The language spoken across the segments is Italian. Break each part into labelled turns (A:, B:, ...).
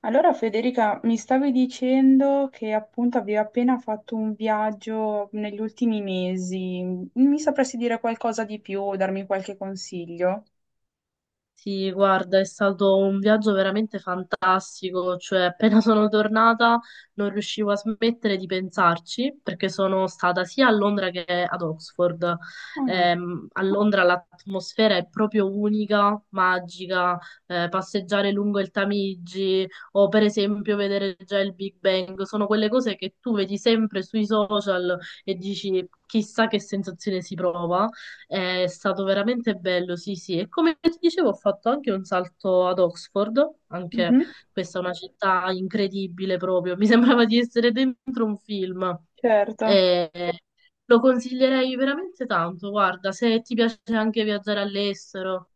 A: Allora Federica, mi stavi dicendo che appunto avevi appena fatto un viaggio negli ultimi mesi. Mi sapresti dire qualcosa di più o darmi qualche consiglio?
B: Sì, guarda, è stato un viaggio veramente fantastico, cioè appena sono tornata non riuscivo a smettere di pensarci perché sono stata sia a Londra che ad Oxford.
A: Ah,
B: A Londra l'atmosfera è proprio unica, magica, passeggiare lungo il Tamigi o per esempio vedere già il Big Bang, sono quelle cose che tu vedi sempre sui social e dici chissà che sensazione si prova. È stato veramente bello, sì, sì. E come ti dicevo, ho fatto anche un salto ad Oxford, anche
A: mhm,
B: questa è una città incredibile proprio. Mi sembrava di essere dentro un film.
A: certo.
B: E lo consiglierei veramente tanto. Guarda, se ti piace anche viaggiare all'estero.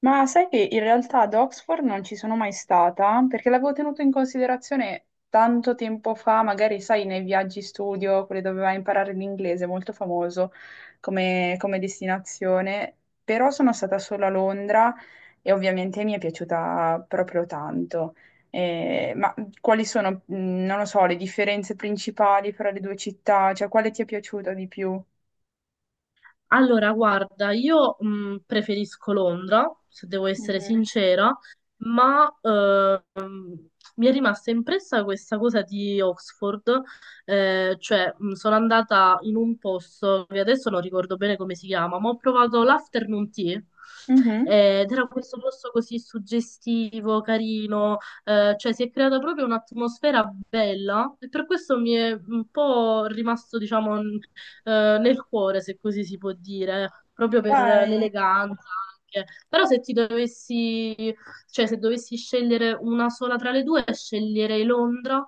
A: Ma sai che in realtà ad Oxford non ci sono mai stata, perché l'avevo tenuto in considerazione tanto tempo fa, magari sai, nei viaggi studio, quelli dove vai a imparare l'inglese, molto famoso come destinazione, però sono stata solo a Londra e ovviamente mi è piaciuta proprio tanto. Ma quali sono, non lo so, le differenze principali fra le due città? Cioè, quale ti è piaciuta di più?
B: Allora, guarda, io preferisco Londra, se devo essere
A: Mhm.
B: sincera, ma mi è rimasta impressa questa cosa di Oxford, cioè sono andata in un posto che adesso non ricordo bene come si chiama, ma ho provato l'afternoon tea.
A: Mhm.
B: Ed era questo posto così suggestivo, carino, cioè si è creata proprio un'atmosfera bella e per questo mi è un po' rimasto, diciamo, nel cuore, se così si può dire, proprio per
A: Dai.
B: l'eleganza anche. Però se ti dovessi, cioè se dovessi scegliere una sola tra le due, sceglierei Londra,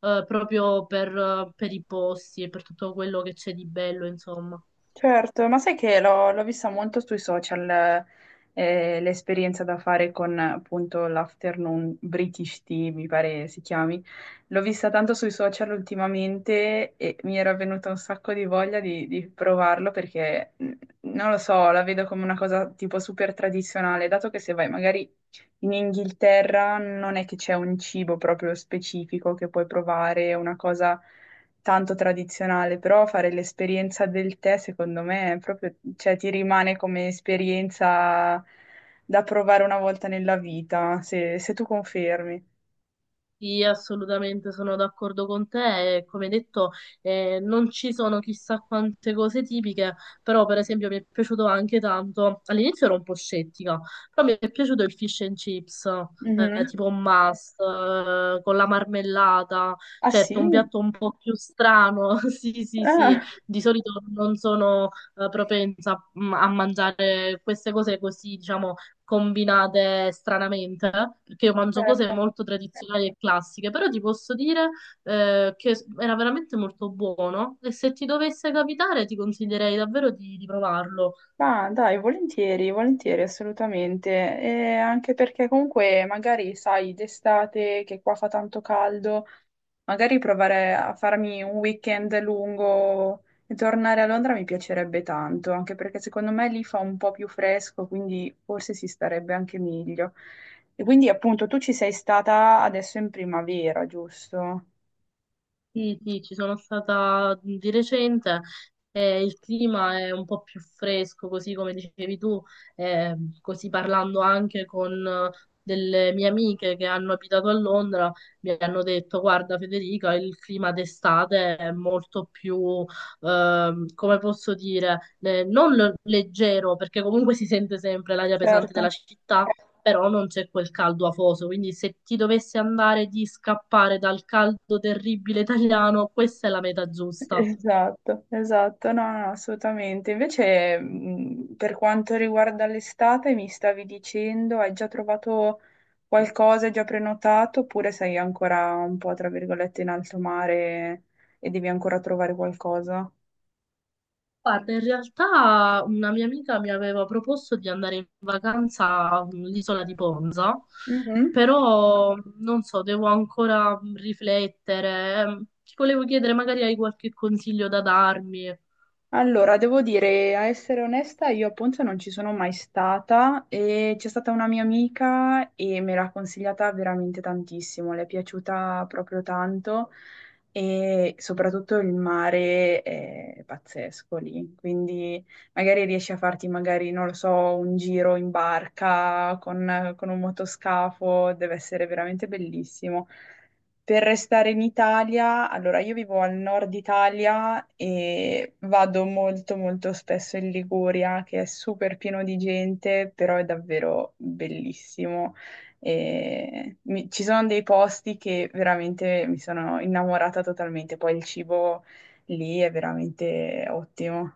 B: proprio per i posti e per tutto quello che c'è di bello, insomma.
A: Certo, ma sai che l'ho vista molto sui social, l'esperienza da fare con appunto l'afternoon British Tea, mi pare si chiami. L'ho vista tanto sui social ultimamente e mi era venuta un sacco di voglia di provarlo perché, non lo so, la vedo come una cosa tipo super tradizionale, dato che se vai magari in Inghilterra non è che c'è un cibo proprio specifico che puoi provare, una cosa tanto tradizionale, però fare l'esperienza del tè secondo me è proprio, cioè ti rimane come esperienza da provare una volta nella vita, se tu confermi.
B: Sì, assolutamente sono d'accordo con te. Come detto, non ci sono chissà quante cose tipiche, però per esempio mi è piaciuto anche tanto. All'inizio ero un po' scettica, però mi è piaciuto il fish and chips,
A: Mhm.
B: tipo un must, con la marmellata.
A: Ah
B: Certo, un
A: sì?
B: piatto un po' più strano. Sì, sì, sì.
A: Ah,
B: Di solito non sono propensa a mangiare queste cose così, diciamo combinate stranamente, perché io mangio cose
A: certo.
B: molto tradizionali e classiche, però ti posso dire che era veramente molto buono e se ti dovesse capitare ti consiglierei davvero di provarlo.
A: Ah, dai, volentieri, volentieri, assolutamente. E anche perché comunque magari sai, d'estate che qua fa tanto caldo, magari provare a farmi un weekend lungo e tornare a Londra mi piacerebbe tanto, anche perché secondo me lì fa un po' più fresco, quindi forse si starebbe anche meglio. E quindi appunto tu ci sei stata adesso in primavera, giusto?
B: Sì, sì, ci sono stata di recente e il clima è un po' più fresco, così come dicevi tu, così parlando anche con delle mie amiche che hanno abitato a Londra, mi hanno detto, guarda Federica, il clima d'estate è molto più, come posso dire, non leggero, perché comunque si sente sempre l'aria pesante della
A: Certo.
B: città, però non c'è quel caldo afoso, quindi se ti dovessi andare di scappare dal caldo terribile italiano, questa è la meta giusta.
A: Esatto, esatto, no, no, assolutamente. Invece, per quanto riguarda l'estate, mi stavi dicendo, hai già trovato qualcosa, hai già prenotato, oppure sei ancora un po', tra virgolette, in alto mare e devi ancora trovare qualcosa?
B: Guarda, in realtà una mia amica mi aveva proposto di andare in vacanza all'isola di Ponza,
A: Mhm.
B: però non so, devo ancora riflettere. Ti volevo chiedere, magari hai qualche consiglio da darmi?
A: Allora, devo dire, a essere onesta, io a Ponza non ci sono mai stata e c'è stata una mia amica e me l'ha consigliata veramente tantissimo, le è piaciuta proprio tanto e soprattutto il mare è pazzesco lì, quindi magari riesci a farti magari, non lo so, un giro in barca con un motoscafo, deve essere veramente bellissimo. Per restare in Italia, allora io vivo al nord Italia e vado molto molto spesso in Liguria, che è super pieno di gente, però è davvero bellissimo. E ci sono dei posti che veramente mi sono innamorata totalmente, poi il cibo lì è veramente ottimo.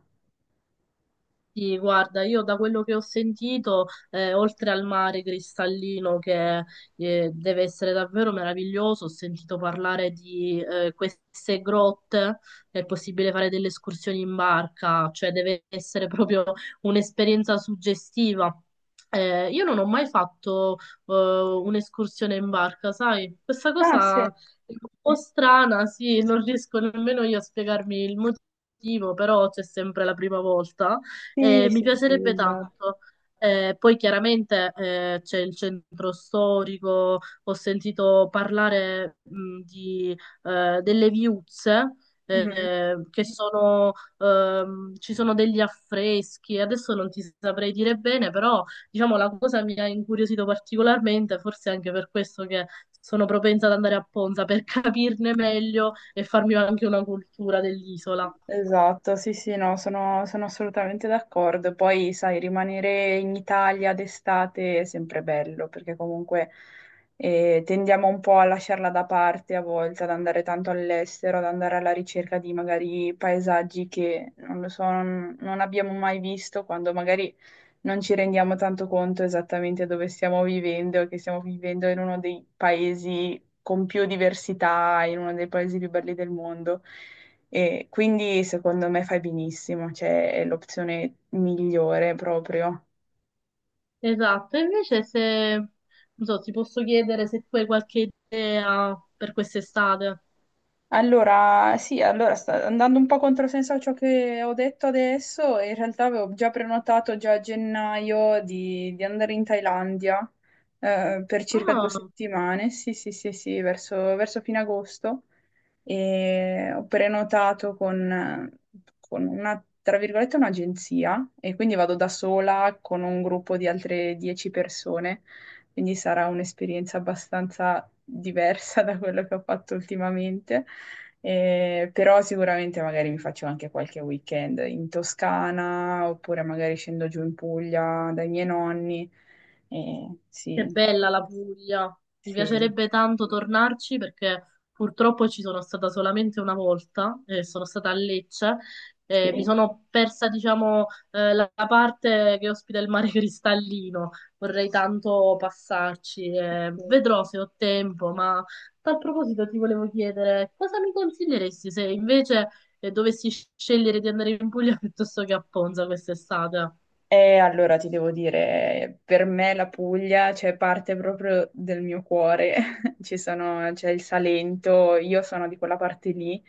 B: Sì, guarda, io da quello che ho sentito, oltre al mare cristallino che deve essere davvero meraviglioso, ho sentito parlare di queste grotte, è possibile fare delle escursioni in barca, cioè deve essere proprio un'esperienza suggestiva. Io non ho mai fatto un'escursione in barca, sai? Questa
A: Ah, sì.
B: cosa è un po' strana, sì, non riesco nemmeno io a spiegarmi il motivo, però c'è sempre la prima volta.
A: Sì,
B: Mi
A: sì, sì,
B: piacerebbe tanto. Poi chiaramente c'è il centro storico, ho sentito parlare delle viuzze,
A: esatto.
B: eh, che sono, ci sono degli affreschi, adesso non ti saprei dire bene, però diciamo la cosa mi ha incuriosito particolarmente, forse anche per questo che sono propensa ad andare a Ponza per capirne meglio e farmi anche una cultura dell'isola.
A: Esatto, sì, sì, no, sono, sono assolutamente d'accordo. Poi, sai, rimanere in Italia d'estate è sempre bello, perché comunque tendiamo un po' a lasciarla da parte a volte, ad andare tanto all'estero, ad andare alla ricerca di magari paesaggi che, non lo so, non abbiamo mai visto, quando magari non ci rendiamo tanto conto esattamente dove stiamo vivendo, che stiamo vivendo in uno dei paesi con più diversità, in uno dei paesi più belli del mondo. E quindi secondo me fai benissimo, cioè è l'opzione migliore proprio.
B: Esatto, invece se, non so, ti posso chiedere se tu hai qualche idea per quest'estate?
A: Allora, sì, allora sta andando un po' controsenso a ciò che ho detto adesso, in realtà avevo già prenotato già a gennaio di andare in Thailandia per circa due
B: Ah,
A: settimane, sì, sì, sì, sì, verso fine agosto. E ho prenotato con una, tra virgolette, un'agenzia e quindi vado da sola con un gruppo di altre 10 persone, quindi sarà un'esperienza abbastanza diversa da quello che ho fatto ultimamente. Però sicuramente magari mi faccio anche qualche weekend in Toscana oppure magari scendo giù in Puglia dai miei nonni.
B: che
A: Sì,
B: bella la Puglia. Mi
A: sì,
B: piacerebbe tanto tornarci perché purtroppo ci sono stata solamente una volta, sono stata a Lecce. Mi
A: sì.
B: sono persa, diciamo, la parte che ospita il mare cristallino. Vorrei tanto passarci. eh,
A: Sì.
B: vedrò se ho tempo, ma a tal proposito ti volevo chiedere cosa mi consiglieresti se invece dovessi scegliere di andare in Puglia piuttosto che a Ponza quest'estate?
A: E allora ti devo dire, per me la Puglia, cioè, parte proprio del mio cuore. C'è il Salento, io sono di quella parte lì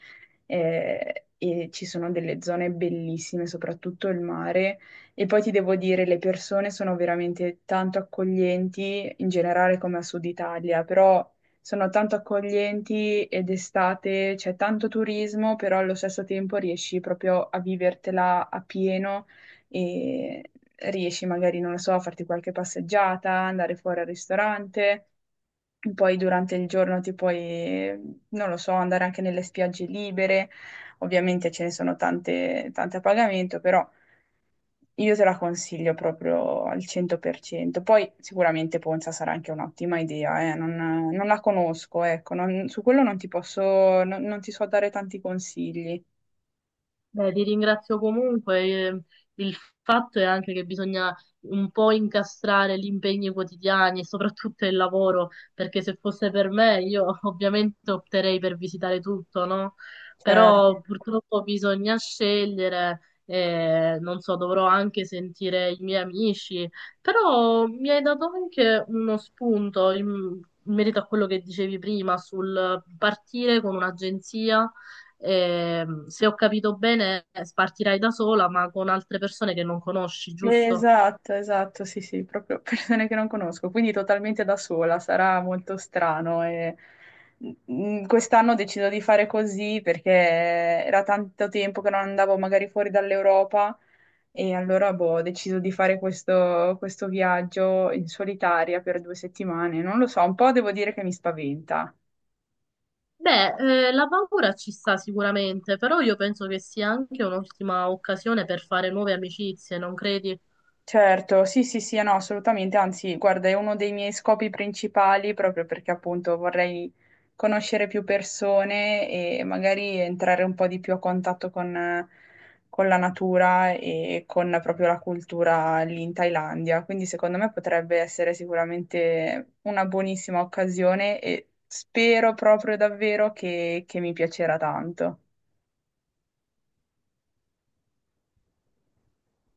A: e ci sono delle zone bellissime, soprattutto il mare. E poi ti devo dire, le persone sono veramente tanto accoglienti, in generale come a Sud Italia, però sono tanto accoglienti ed estate c'è tanto turismo, però allo stesso tempo riesci proprio a vivertela a pieno e riesci magari, non lo so, a farti qualche passeggiata, andare fuori al ristorante. Poi durante il giorno ti puoi, non lo so, andare anche nelle spiagge libere. Ovviamente ce ne sono tante, tante a pagamento, però io te la consiglio proprio al 100%. Poi sicuramente Ponza sarà anche un'ottima idea, non, non la conosco, ecco, su quello non ti posso, non ti so dare tanti consigli.
B: Beh, ti ringrazio comunque. Il fatto è anche che bisogna un po' incastrare gli impegni quotidiani e soprattutto il lavoro, perché se fosse per me io ovviamente opterei per visitare tutto, no?
A: Certo.
B: Però purtroppo bisogna scegliere, non so, dovrò anche sentire i miei amici, però mi hai dato anche uno spunto in merito a quello che dicevi prima sul partire con un'agenzia. Se ho capito bene, partirai da sola, ma con altre persone che non conosci, giusto?
A: Esatto, esatto, sì, sì, proprio persone che non conosco, quindi totalmente da sola, sarà molto strano. E... mm, quest'anno ho deciso di fare così perché era tanto tempo che non andavo magari fuori dall'Europa e allora boh, ho deciso di fare questo, questo viaggio in solitaria per 2 settimane. Non lo so, un po' devo dire che mi spaventa.
B: Beh, la paura ci sta sicuramente, però io penso che sia anche un'ottima occasione per fare nuove amicizie, non credi?
A: Certo, sì, sì, sì, no, assolutamente, anzi, guarda, è uno dei miei scopi principali proprio perché appunto vorrei conoscere più persone e magari entrare un po' di più a contatto con la natura e con proprio la cultura lì in Thailandia. Quindi secondo me potrebbe essere sicuramente una buonissima occasione e spero proprio davvero che mi piacerà tanto.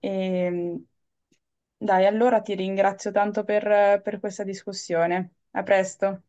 A: E, dai, allora ti ringrazio tanto per questa discussione. A presto.